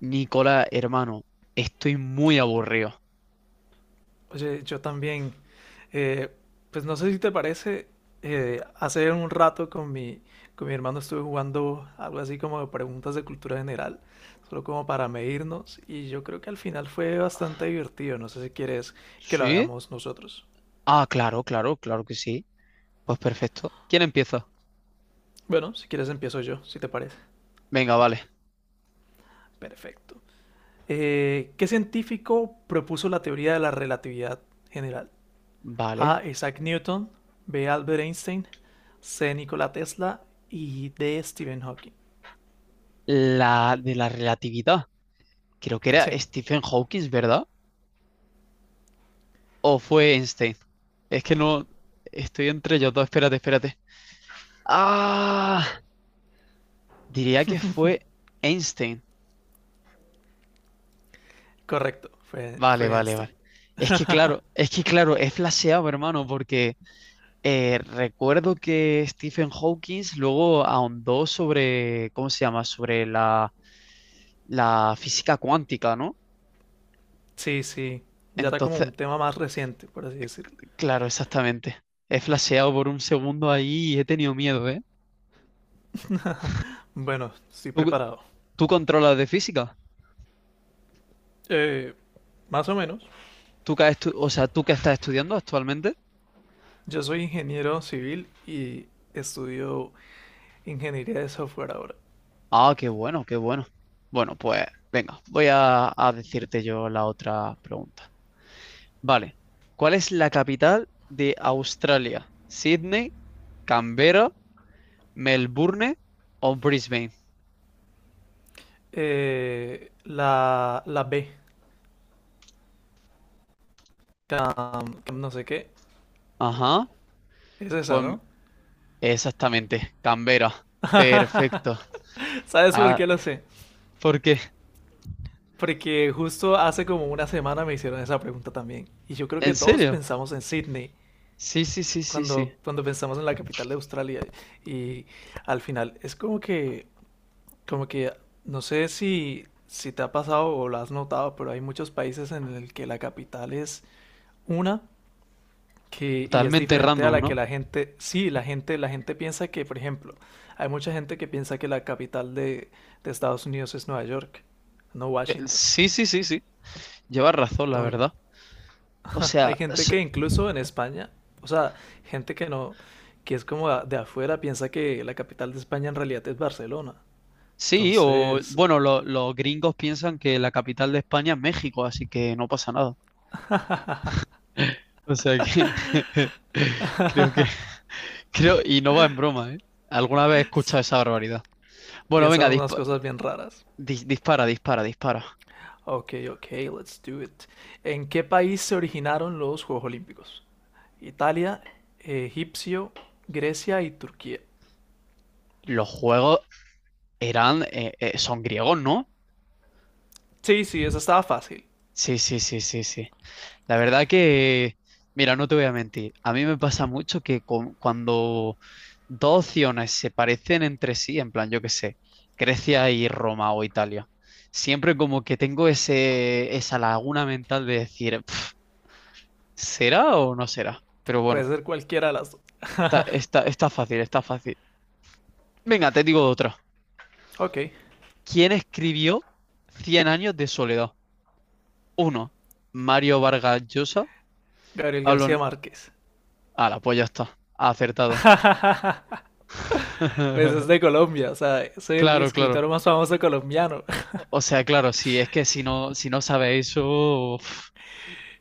Nicola, hermano, estoy muy aburrido. Oye, yo también. Eh, pues no sé si te parece, hace un rato con mi hermano estuve jugando algo así como de preguntas de cultura general, solo como para medirnos, y yo creo que al final fue bastante divertido. No sé si quieres que lo ¿Sí? hagamos nosotros. Ah, claro, claro, claro que sí. Pues perfecto. ¿Quién empieza? Bueno, si quieres empiezo yo, si te parece. Venga, vale. Perfecto. ¿Qué científico propuso la teoría de la relatividad general? Vale. A. Isaac Newton, B. Albert Einstein, C. Nikola Tesla y D. Stephen Hawking. La de la relatividad. Creo que era Sí, Stephen Hawking, ¿verdad? ¿O fue Einstein? Es que no. Estoy entre ellos dos. Espérate, espérate. Ah, diría que fue Einstein. correcto, fue, Vale, fue vale, Einstein. vale. Es que claro, he flaseado, hermano, porque. Recuerdo que Stephen Hawking luego ahondó sobre, ¿cómo se llama? Sobre la física cuántica, ¿no? Sí, sí, ya era como Entonces, un tema más reciente, por así eh, decirlo. Claro, exactamente. He flasheado por un segundo ahí y he tenido miedo, ¿eh? Bueno, estoy ¿Tú, preparado. tú controlas de física? Eh, más o menos. ¿Tú que o sea, tú que estás estudiando actualmente? Yo soy ingeniero civil y estudio ingeniería de software ahora. Ah, qué bueno, qué bueno. Bueno, pues venga, voy a decirte yo la otra pregunta. Vale. ¿Cuál es la capital de Australia? ¿Sydney, Canberra, Melbourne o Brisbane? La B, cam no sé qué, Ajá. es esa, Pues ¿no? exactamente, Canberra. Perfecto. ¿Sabes por Ah, qué lo sé? ¿por qué? Porque justo hace como una semana me hicieron esa pregunta también. Y yo creo que ¿En todos serio? pensamos en Sydney Sí, sí, sí, sí, sí. cuando pensamos en la capital de Australia. Y al final es como que, no sé si te ha pasado o lo has notado, pero hay muchos países en el que la capital es una que, y es Totalmente diferente a random, la que ¿no? la gente, sí, la gente piensa que, por ejemplo, hay mucha gente que piensa que la capital de Estados Unidos es Nueva York, no Washington. Sí, sí, sí, sí. Llevas razón, la Enton- verdad. O Hay sea, gente que incluso en España, o sea, gente que no, que es como de afuera, piensa que la capital de España en realidad es Barcelona. sí, o Entonces, bueno, los gringos piensan que la capital de España es México, así que no pasa nada. O sea que creo que Creo, y no va en broma, ¿eh? Alguna vez he escuchado esa barbaridad. Bueno, venga, piensan unas cosas bien raras. Dispara, dispara, dispara. Ok, ok, let's do it. ¿En qué país se originaron los Juegos Olímpicos? Italia, Egipcio, Grecia y Turquía. Los juegos son griegos, ¿no? Sí, sí, esa estaba fácil. Sí, sí, sí, sí, sí. La verdad que, mira, no te voy a mentir. A mí me pasa mucho que cuando dos opciones se parecen entre sí, en plan, yo qué sé, Grecia y Roma o Italia, siempre como que tengo ese, esa laguna mental de decir, "Pf, ¿será o no será? Pero bueno, Puede ser cualquiera de las dos. está fácil, está fácil. Venga, te digo otra. Ok, ¿Quién escribió Cien años de soledad? Uno, Mario Vargas Llosa. Gabriel Pablo... Ne- García Márquez. Ah, pues ya está. Acertado. Pues es de Colombia, o sea, es el Claro, claro. escritor más famoso colombiano. O sea, claro, sí, es que si no sabes eso, uf,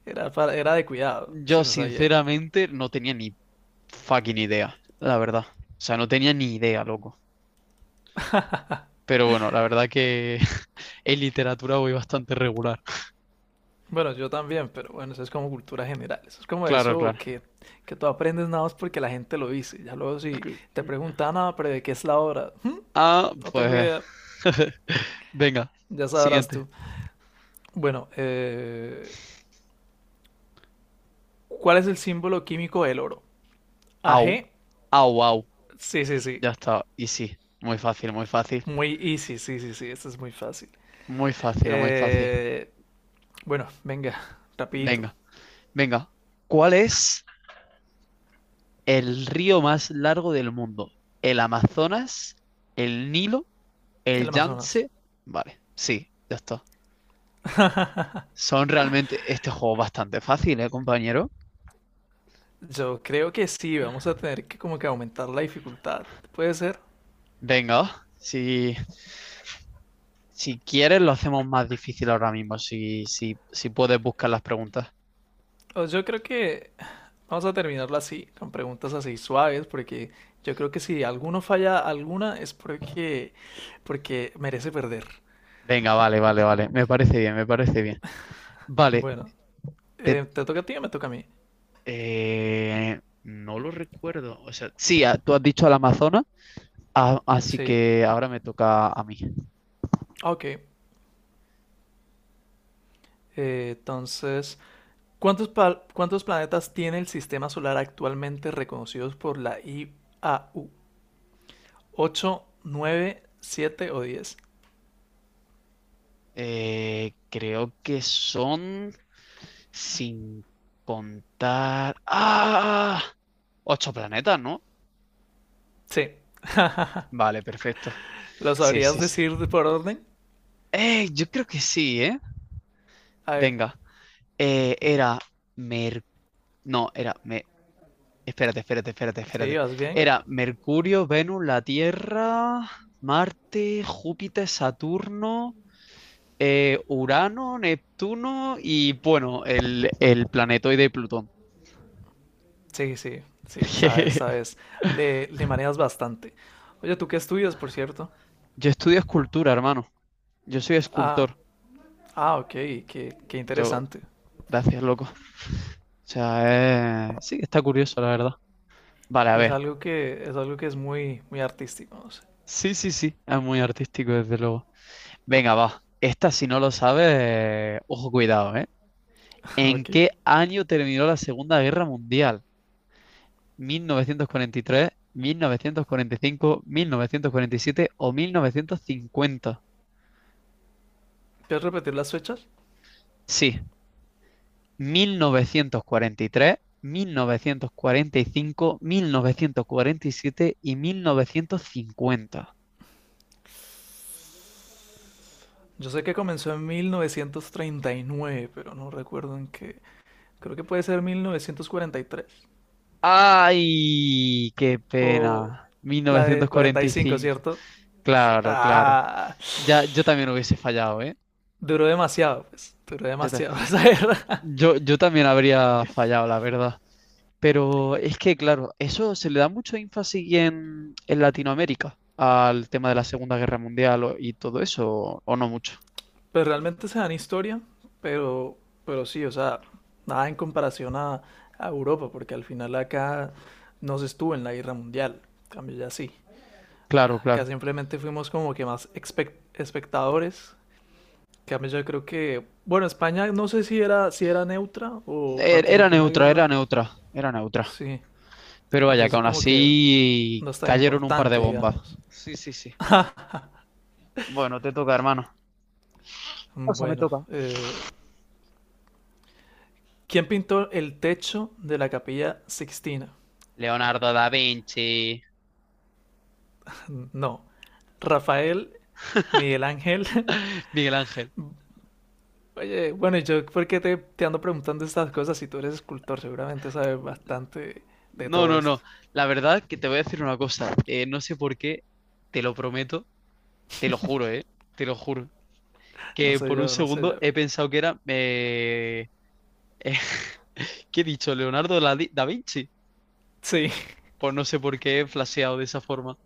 Era de cuidado, yo si no sabía eso. sinceramente no tenía ni fucking idea, la verdad. O sea, no tenía ni idea, loco. Pero bueno, la verdad que en literatura voy bastante regular. Bueno, yo también, pero bueno, eso es como cultura general. Eso es como Claro, eso claro. que tú aprendes nada más porque la gente lo dice. Ya luego si te preguntan, ah, pero ¿de qué es la obra? Ah, No tengo pues. idea, Venga, ya sabrás siguiente. tú." Bueno, ¿cuál es el símbolo químico del oro? Au. AG. Ah, wow. Sí, sí, sí. Ya está. Y sí, muy fácil, muy fácil. Muy easy, sí, sí, sí. Esto es muy fácil. Muy fácil, muy fácil. Eh, bueno, venga, rapidito. Venga, venga. ¿Cuál es el río más largo del mundo? ¿El Amazonas? ¿El Nilo? ¿El El Amazonas. Yangtze? Vale, sí, ya está. Son realmente este juego bastante fácil, ¿eh, compañero? Yo creo que sí, vamos a tener que como que aumentar la dificultad, puede ser. Venga, si quieres lo hacemos más difícil ahora mismo, si puedes buscar las preguntas. O yo creo que vamos a terminarlo así, con preguntas así suaves, porque yo creo que si alguno falla alguna es porque merece perder. Venga, vale, vale, vale. Me parece bien, me parece bien. Vale, Bueno, te ¿te toca a ti o me toca a mí? No lo recuerdo. O sea, sí, ah, tú has dicho al Amazonas, ah, así Sí, que ahora me toca a mí. ok. Entonces, ¿cuántos planetas tiene el sistema solar actualmente reconocidos por la IAU? 8, 9, 7 o 10. Creo que son, sin contar. ¡Ah! Ocho planetas, ¿no? Sí. Vale, perfecto. ¿Lo Sí, sabrías sí, sí. decir por orden? Yo creo que sí, ¿eh? A ver, Venga. Eh, era Mer... No, Me Espérate, espérate, espérate, ¿sí espérate. vas bien? Era Mercurio, Venus, la Tierra, Marte, Júpiter, Saturno, Urano, Neptuno y bueno, el planetoide Plutón. Sí, sí, sí, sabes, sabes. Le manejas bastante. Oye, ¿tú qué estudias, por cierto? Yo estudio escultura, hermano. Yo soy Ah, escultor. ah, ok, qué Yo, interesante. Gracias, loco. O sea, sí está curioso, la verdad. Vale, a Es ver. algo que es algo que es muy, muy artístico, no sé. Sí, sí, sí, es muy artístico, desde luego. Venga, va. Esta, si no lo sabes, ojo, cuidado, ¿eh? ¿En Ok. qué año terminó la Segunda Guerra Mundial? Mil novecientos cuarenta y tres, cinco, 1947 o 1950? ¿Puedes repetir las fechas? Sí, 1943, mil novecientos cuarenta y cinco, siete cincuenta. Yo sé que comenzó en 1939, pero no recuerdo en qué. Creo que puede ser 1943 ¡Ay! ¡Qué o pena! Mil la de novecientos cuarenta cuarenta y y cinco, cinco. ¿cierto? Claro, claro. Ah, Ya, yo también hubiese fallado, ¿eh? duró demasiado, pues, duró Yo ta- demasiado esa guerra. yo también habría fallado, la verdad. Pero es que, claro, eso se le da mucho énfasis en Latinoamérica al tema de la Segunda Guerra Mundial y todo eso, o, no mucho. Pero realmente se dan historia, pero, pero sí, o sea, nada en comparación a Europa, porque al final acá no se estuvo en la guerra mundial, en cambio ya sí. Claro, Acá claro. simplemente fuimos como que más espectadores, en cambio yo creo que, bueno, España no sé si era, si era neutra o Era participó en la neutra, era guerra, neutra, era neutra. sí, Pero vaya, que entonces aún como que así no está cayeron un par de importante, bombas. digamos. Sí, sí, sí. Bueno, te toca, hermano. O sea, me Bueno, toca. ¿Quién pintó el techo de la Capilla Sixtina? Leonardo da Vinci, No. Rafael, Miguel Ángel. Miguel Ángel. Oye, bueno, yo por qué te ando preguntando estas cosas si tú eres escultor, seguramente sabes bastante de No, todo no, esto. no. La verdad que te voy a decir una cosa. No sé por qué, te lo prometo, te lo juro, ¿eh? Te lo juro. No Que sé por un yo, no sé segundo yo. he pensado que eh, ¿qué he dicho? Leonardo da Vinci. Sí, Pues no sé por qué he flasheado de esa forma.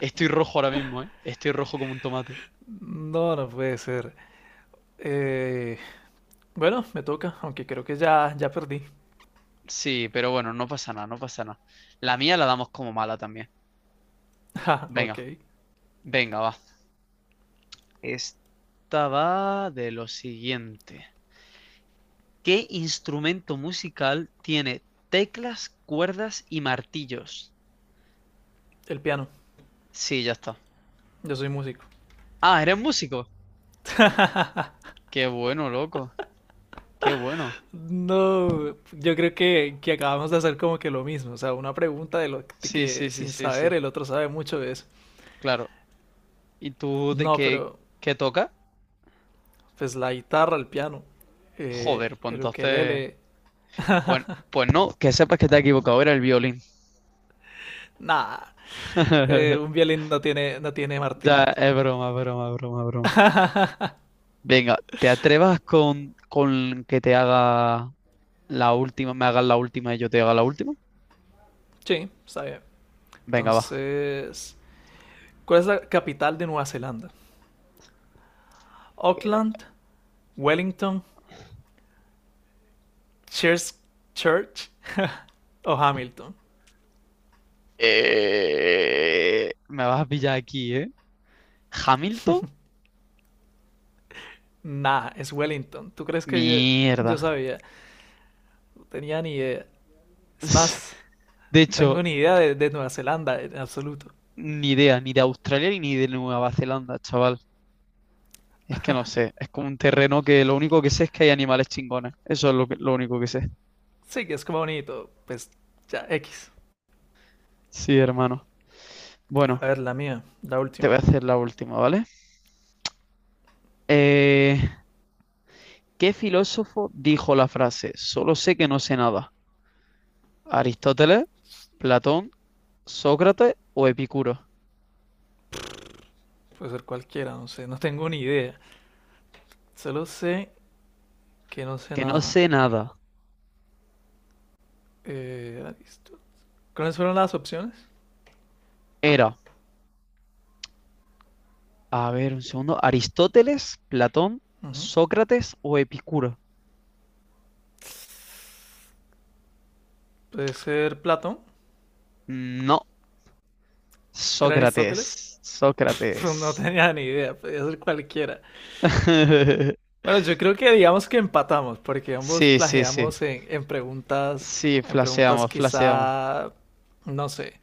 Estoy rojo ahora mismo, ¿eh? Estoy rojo como un tomate. no, no puede ser. Eh, bueno, me toca, aunque creo que ya perdí. Sí, pero bueno, no pasa nada, no pasa nada. La mía la damos como mala también. Ja, Venga, ok. venga, va. Esta va de lo siguiente. ¿Qué instrumento musical tiene teclas, cuerdas y martillos? El piano, Sí, ya está. yo soy músico. Ah, ¿eres músico? Qué bueno, loco. Qué bueno. No, yo creo que acabamos de hacer como que lo mismo, o sea, una pregunta de lo de Sí, sí, que sí, sin sí, sí. saber el otro sabe mucho de eso. Claro. ¿Y tú de No, qué, pero qué tocas? pues la guitarra, el piano, Joder, pues el entonces. ukelele, Pues, pues no, que sepas que te has equivocado, era el violín. nada, un violín no tiene, no tiene Ya, martillos. es broma, broma, broma, broma. Venga, ¿te atrevas con que te haga la última, me hagas la última y yo te haga la última? Sí, está bien. Venga, va. Entonces, ¿cuál es la capital de Nueva Zelanda? Auckland, Wellington, Christchurch Church o Hamilton. Me vas a pillar aquí, ¿eh? Hamilton, Nah, es Wellington. ¿Tú crees que yo, mierda. yo sabía? Tenía ni idea. Es más, De no hecho, tengo ni idea de Nueva Zelanda en absoluto. ni idea, ni de Australia ni de Nueva Zelanda, chaval. Es que no sé, es como un terreno que lo único que sé es que hay animales chingones. Eso es lo único que sé. Sí, que es como bonito. Pues ya, X. Sí, hermano. A Bueno, ver, la mía, la te voy a última. hacer la última, ¿vale? Eh, ¿Qué filósofo dijo la frase, solo sé que no sé nada? ¿Aristóteles, Platón, Sócrates o Epicuro? Puede ser cualquiera, no sé. No tengo ni idea. Solo sé que no sé Que no nada. sé nada. Eh, Arist- ¿Cuáles fueron las opciones? Era A ver, un segundo. ¿Aristóteles, Platón, Ujú. Sócrates o Epicuro? Puede ser Platón. No, ¿Era Aristóteles? Sócrates. No Sócrates. tenía ni idea. Podía ser cualquiera. Bueno, yo creo que digamos que empatamos, porque ambos Sí, sí, sí. plagiamos en, en preguntas, Sí, en preguntas flaseamos, flaseamos. quizá, no sé,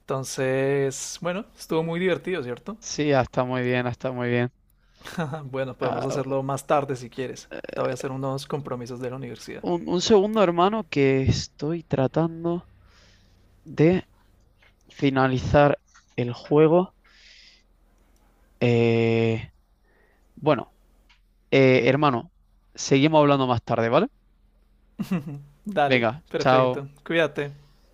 entonces, bueno, estuvo muy divertido, ¿cierto? Sí, ah, está muy bien, ah, está muy bien. Bueno, podemos Ah, hacerlo más tarde si quieres. Ahorita voy a hacer unos compromisos de la universidad. Un segundo, hermano, que estoy tratando de finalizar el juego. Eh, bueno, hermano, seguimos hablando más tarde, ¿vale? Dale, Venga, chao. perfecto. Cuídate.